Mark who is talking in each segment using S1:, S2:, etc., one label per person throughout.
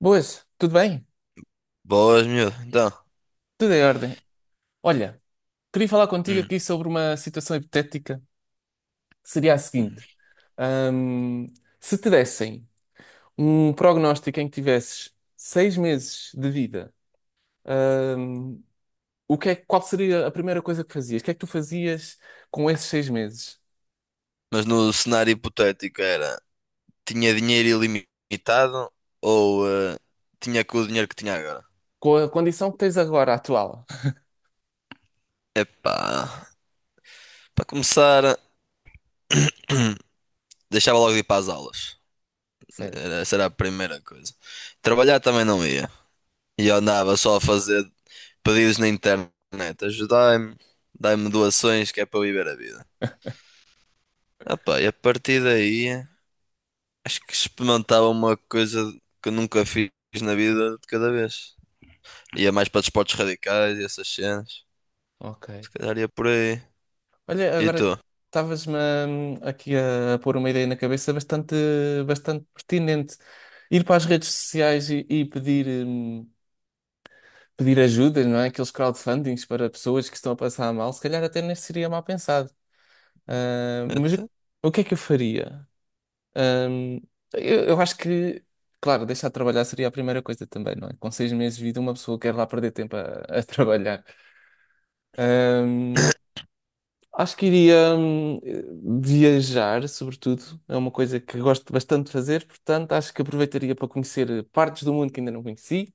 S1: Boas, tudo bem?
S2: Boas, miúdo. Então.
S1: Tudo em ordem. Olha, queria falar contigo
S2: hum.
S1: aqui sobre uma situação hipotética que seria a seguinte:
S2: hum.
S1: Ahm, se te dessem um prognóstico em que tivesses 6 meses de vida, ahm, qual seria a primeira coisa que fazias? O que é que tu fazias com esses 6 meses?
S2: Mas no cenário hipotético era: tinha dinheiro ilimitado ou tinha com o dinheiro que tinha agora?
S1: Com a condição que tens agora, atual?
S2: Epá, para começar, deixava logo de ir para as aulas.
S1: Sério?
S2: Essa era a primeira coisa. Trabalhar também não ia. E eu andava só a fazer pedidos na internet. Ajudai-me, dai-me doações que é para eu viver a vida. Epá, e a partir daí, acho que experimentava uma coisa que eu nunca fiz na vida de cada vez. Ia mais para desportos radicais e essas cenas.
S1: Ok.
S2: Se calhar ia por aí.
S1: Olha,
S2: E
S1: agora
S2: tu?
S1: estavas-me aqui a pôr uma ideia na cabeça bastante, bastante pertinente. Ir para as redes sociais e pedir ajuda, não é? Aqueles crowdfundings para pessoas que estão a passar mal, se calhar até nem seria mal pensado. Mas o,
S2: Então.
S1: o que é que eu faria? Hum, eu acho que, claro, deixar de trabalhar seria a primeira coisa também, não é? Com seis meses de vida, uma pessoa quer lá perder tempo a trabalhar. Hum, Acho que iria viajar, sobretudo. É uma coisa que gosto bastante de fazer, portanto, acho que aproveitaria para conhecer partes do mundo que ainda não conheci.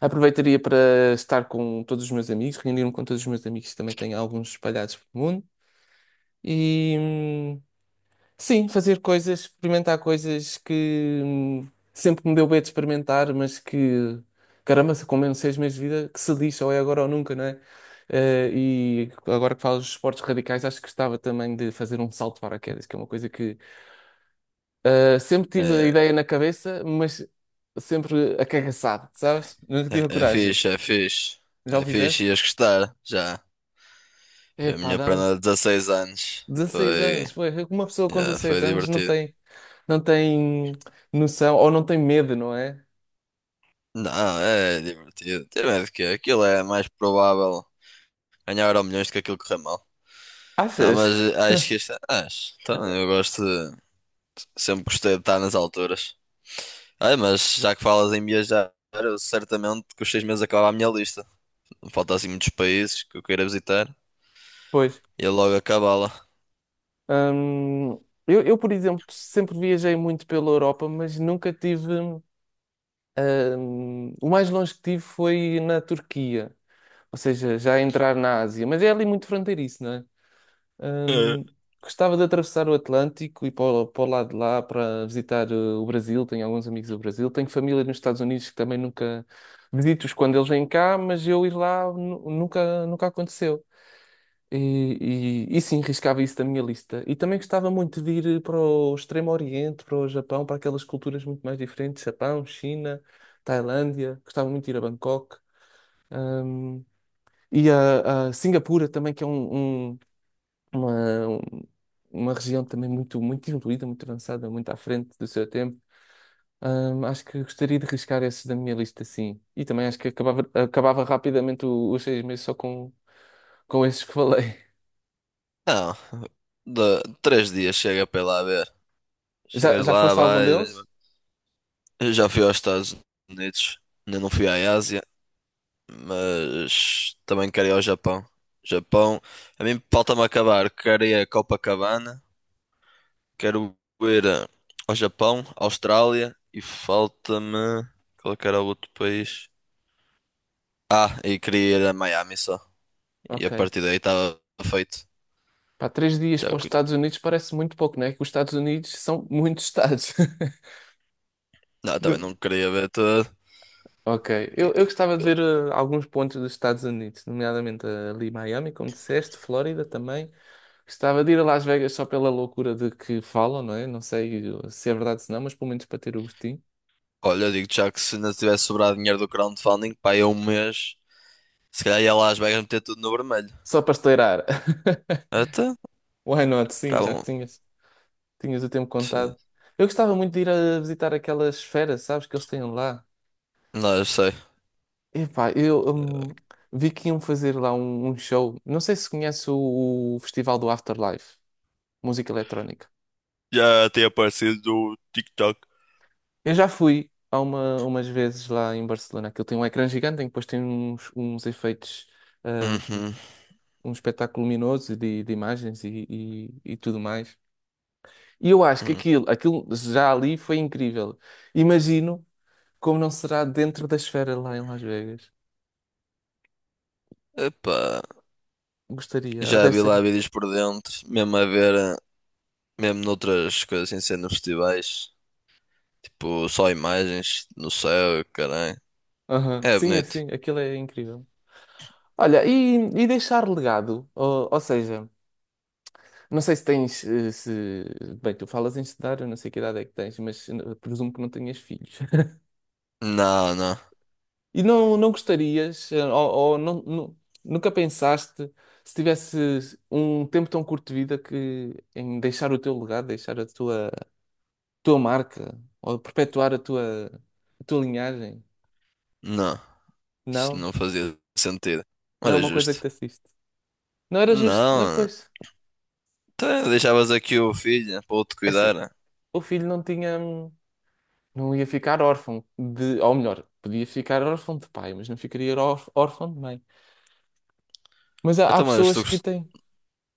S1: Aproveitaria para estar com todos os meus amigos, reunir-me com todos os meus amigos que também tenho alguns espalhados pelo mundo. E, hum, Sim, fazer coisas, experimentar coisas que sempre me deu bem de experimentar, mas que, caramba, se como eu não sei as minhas vidas, que se lixa, ou é agora ou nunca, não é? E agora que falas dos esportes radicais, acho que gostava também de fazer um salto de paraquedas, que é uma coisa que sempre tive a
S2: É,
S1: ideia na cabeça, mas sempre acagaçado, sabes? Nunca tive a
S2: é
S1: coragem.
S2: fixe, é fixe.
S1: Já o
S2: É fixe,
S1: fizeste?
S2: ias gostar, já. Foi a
S1: Epá,
S2: minha
S1: dá-me
S2: prenda de 16 anos.
S1: dezasseis
S2: Foi,
S1: anos, foi. Uma pessoa com
S2: já, foi
S1: 16 anos não
S2: divertido.
S1: tem, não tem noção, ou não tem medo, não é?
S2: Não, é divertido. Tem medo que aquilo é mais provável ganhar Euro milhões do que aquilo correr mal. Não,
S1: Achas?
S2: mas acho que isto é. Acho. Então, eu gosto de. Sempre gostei de estar nas alturas. Ah, mas já que falas em viajar, eu certamente que os seis meses acabava a minha lista. Não falta assim muitos países que eu queira visitar.
S1: Pois.
S2: E eu logo acabá-la.
S1: Hum, eu, por exemplo, sempre viajei muito pela Europa, mas nunca tive. O mais longe que tive foi na Turquia, ou seja, já a entrar na Ásia, mas é ali muito fronteiriço, não é?
S2: Eh,
S1: Hum, gostava de atravessar o Atlântico e para o lado de lá para visitar o Brasil. Tenho alguns amigos do Brasil, tenho família nos Estados Unidos que também nunca visito-os quando eles vêm cá, mas eu ir lá nunca aconteceu. E sim, riscava isso da minha lista. E também gostava muito de ir para o Extremo Oriente, para o Japão, para aquelas culturas muito mais diferentes, Japão, China, Tailândia. Gostava muito de ir a Bangkok. Hum, e a Singapura também, que é uma, um- uma região também muito, muito evoluída, muito avançada, muito à frente do seu tempo. Acho que gostaria de riscar esses da minha lista, sim. E também acho que acabava rapidamente os 6 meses só com esses que falei.
S2: Não, de, três dias chega para ir lá ver.
S1: Já,
S2: Chegas
S1: já
S2: lá,
S1: foste a algum
S2: vais.
S1: deles?
S2: Vais. Eu já fui aos Estados Unidos, ainda não fui à Ásia, mas também quero ir ao Japão. Japão, a mim falta-me acabar. Quero ir a Copacabana, quero ir ao Japão, Austrália e falta-me. Qual é que era o outro país? Ah, e queria ir a Miami só. E a
S1: Ok.
S2: partir daí estava feito.
S1: Pá, 3 dias
S2: Já.
S1: para os Estados Unidos parece muito pouco, não é? Que os Estados Unidos são muitos estados.
S2: Não, também
S1: De-
S2: não queria ver toda.
S1: Ok.
S2: que-
S1: Eu
S2: que-
S1: gostava de ver alguns pontos dos Estados Unidos, nomeadamente ali Miami, como disseste, Flórida também. Gostava de ir a Las Vegas só pela loucura de que falam, não é? Não sei se é verdade ou não, mas pelo menos para ter o gostinho.
S2: Olha, digo já que se ainda tivesse sobrado dinheiro do crowdfunding, pá, ia um mês, se calhar ia lá às Vegas meter tudo no vermelho.
S1: Só para estourar.
S2: Até,
S1: Why not?
S2: tá
S1: Sim, já que
S2: bom.
S1: tinhas o tempo
S2: Sim.
S1: contado. Eu gostava muito de ir a visitar aquelas esfera, sabes, que eles têm lá.
S2: Não, eu sei.
S1: Epá, eu vi que iam fazer lá um show. Não sei se conhece o Festival do Afterlife, música eletrónica.
S2: Já tem aparecido do TikTok.
S1: Eu já fui há umas vezes lá em Barcelona. Aquilo tem um ecrã gigante em que depois tem uns efeitos, hum,
S2: Uhum.
S1: um espetáculo luminoso de imagens e tudo mais. E eu acho que
S2: Uhum.
S1: aquilo já ali foi incrível. Imagino como não será dentro da esfera lá em Las Vegas.
S2: Epá,
S1: Gostaria.
S2: já
S1: Deve
S2: vi
S1: ser.
S2: lá vídeos por dentro, mesmo a ver, mesmo noutras coisas sem ser nos festivais, tipo só imagens no céu, caralho.
S1: Aham.
S2: É
S1: Sim,
S2: bonito.
S1: assim, aquilo é incrível. Olha, e, deixar legado, ou seja, não sei se tens, eh, se, bem, tu falas em estudar, eu não sei que idade é que tens, mas presumo que não tenhas filhos.
S2: Não, não,
S1: E não, não gostarias, ou não, nunca pensaste, se tivesse um tempo tão curto de vida, que em deixar o teu legado, deixar a tua marca, ou perpetuar a tua linhagem?
S2: não. Isto
S1: Não?
S2: não fazia sentido. Não
S1: Não é
S2: era
S1: uma coisa que
S2: justo.
S1: te assiste. Não era justo, não,
S2: Não,
S1: pois,
S2: então deixavas aqui o filho para ele te
S1: é assim,
S2: cuidar.
S1: o filho não tinha. Não ia ficar órfão de, ou melhor, podia ficar órfão de pai, mas não ficaria órfão de mãe. Mas há
S2: Então, mas tu,
S1: pessoas que
S2: gost-
S1: têm,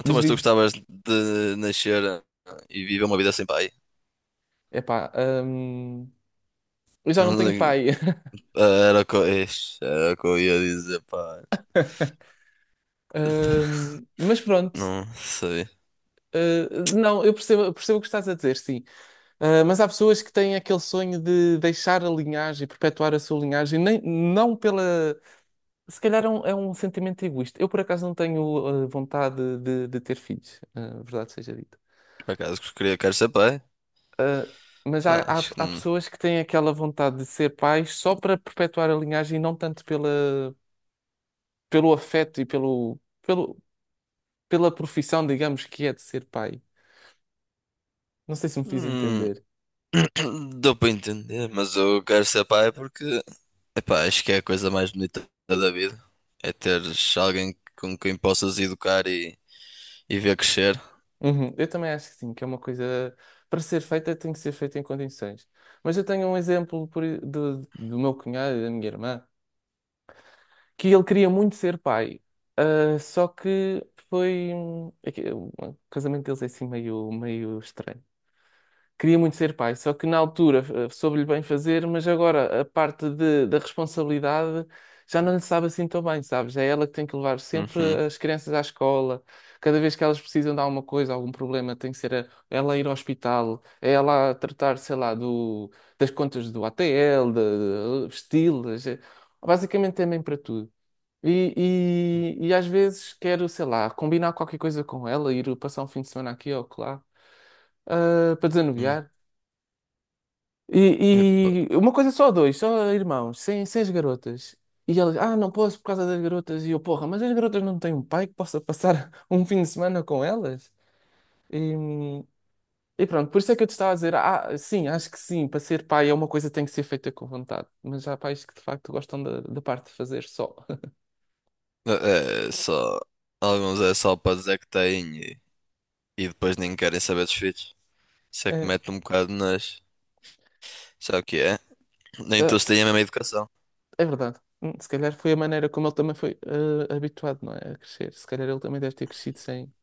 S2: então,
S1: diz,
S2: mas tu
S1: diz,
S2: gostavas de nascer e viver uma vida sem pai?
S1: epá, hum, eu já não tenho
S2: Não-
S1: pai,
S2: Era o que, ixi, era o que eu ia dizer, pá.
S1: Mas pronto,
S2: Não sei.
S1: uh, não, eu percebo o que estás a dizer, sim, Mas há pessoas que têm aquele sonho de deixar a linhagem, perpetuar a sua linhagem, nem, não pela, se calhar é um sentimento egoísta. Eu, por acaso, não tenho vontade de ter filhos, verdade seja dita.
S2: Por acaso que queria, quero ser pai?
S1: Ah, mas há,
S2: Pá,
S1: há,
S2: acho que
S1: há
S2: não.
S1: pessoas que têm aquela vontade de ser pais só para perpetuar a linhagem e não tanto pelo afeto e pela profissão, digamos, que é de ser pai. Não sei se me fiz
S2: Hum,
S1: entender.
S2: dou para entender, mas eu quero ser pai porque, epá, acho que é a coisa mais bonita da vida. É teres alguém com quem possas educar e ver crescer.
S1: Uhum. Eu também acho que sim, que é uma coisa para ser feita tem que ser feita em condições. Mas eu tenho um exemplo por do meu cunhado e da minha irmã. Que ele queria muito ser pai. Só que foi. É que o casamento deles é assim meio, meio estranho. Queria muito ser pai, só que na altura soube-lhe bem fazer, mas agora a parte da responsabilidade já não lhe sabe assim tão bem, sabes? É ela que tem que levar sempre
S2: Uhum.
S1: as crianças à escola. Cada vez que elas precisam de alguma coisa, algum problema, tem que ser ela a ir ao hospital, é ela a tratar, sei lá, das contas do ATL, de estilos. Basicamente é mãe para tudo. E, e às vezes quero, sei lá, combinar qualquer coisa com ela, ir passar um fim de semana aqui ou lá, para
S2: Hum.
S1: desanuviar.
S2: Epá.
S1: E uma coisa só dois, só irmãos, sem as garotas. E ela, não posso por causa das garotas. E eu, porra, mas as garotas não têm um pai que possa passar um fim de semana com elas? E, e pronto, por isso é que eu te estava a dizer, sim, acho que sim, para ser pai é uma coisa que tem que ser feita com vontade. Mas há pais que de facto gostam da parte de fazer só.
S2: É é só. Alguns é só para dizer que têm e depois nem querem saber dos filhos. Isso é que mete um bocado nas. Sabe o que é? Nem todos
S1: Ah,
S2: têm a mesma educação.
S1: é verdade. Se calhar foi a maneira como ele também foi habituado, não é? A crescer. Se calhar ele também deve ter crescido sem,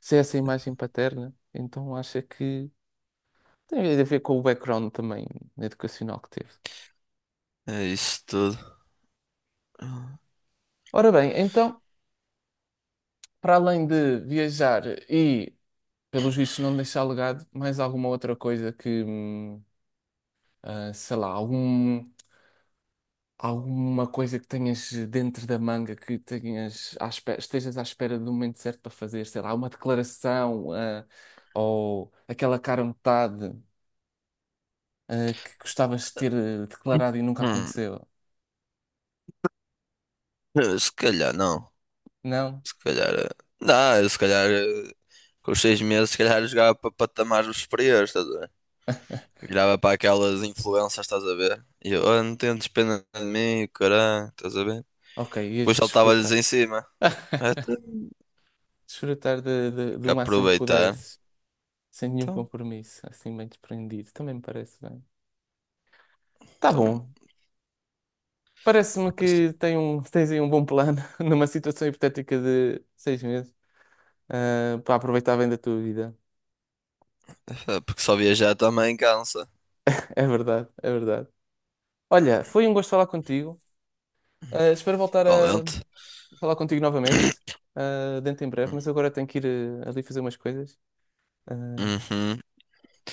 S1: sem essa imagem paterna. Então acha que tem a ver com o background também educacional que teve.
S2: É isso tudo.
S1: Ora bem, então, para além de viajar e, pelos vistos, não deixar legado, mais alguma outra coisa que, sei lá, algum. Alguma coisa que tenhas dentro da manga que tenhas à espera, estejas à espera do momento certo para fazer, sei lá, uma declaração, ou aquela cara metade, que gostavas de ter declarado e nunca
S2: Hum,
S1: aconteceu.
S2: Se calhar não.
S1: Não?
S2: Se calhar. Eh, Não, eu se calhar. Eh, Com os seis meses, se calhar eu jogava para patamares superiores, estás a ver? Virava para aquelas influências, estás a ver? E eu, oh, não tentes pena de mim, caralho, estás a ver?
S1: Ok,
S2: Depois
S1: ias
S2: saltava-lhes
S1: desfrutar.
S2: em cima. Até
S1: Desfrutar do máximo que
S2: aproveitar.
S1: pudesses, sem nenhum
S2: Então,
S1: compromisso, assim bem desprendido. Também me parece bem. Tá
S2: então,
S1: bom. Parece-me
S2: assim,
S1: que tens aí um bom plano numa situação hipotética de 6 meses. Para aproveitar bem da tua vida.
S2: é porque só viajar também cansa.
S1: É verdade, é verdade. Olha, foi um gosto falar contigo. Espero voltar a
S2: Igualmente.
S1: falar contigo novamente, dentro em breve, mas agora tenho que ir ali fazer umas coisas. Ah,
S2: Uhum.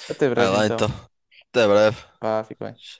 S1: até
S2: Vai
S1: breve,
S2: lá
S1: então.
S2: então. Até breve.
S1: Pá, fico bem.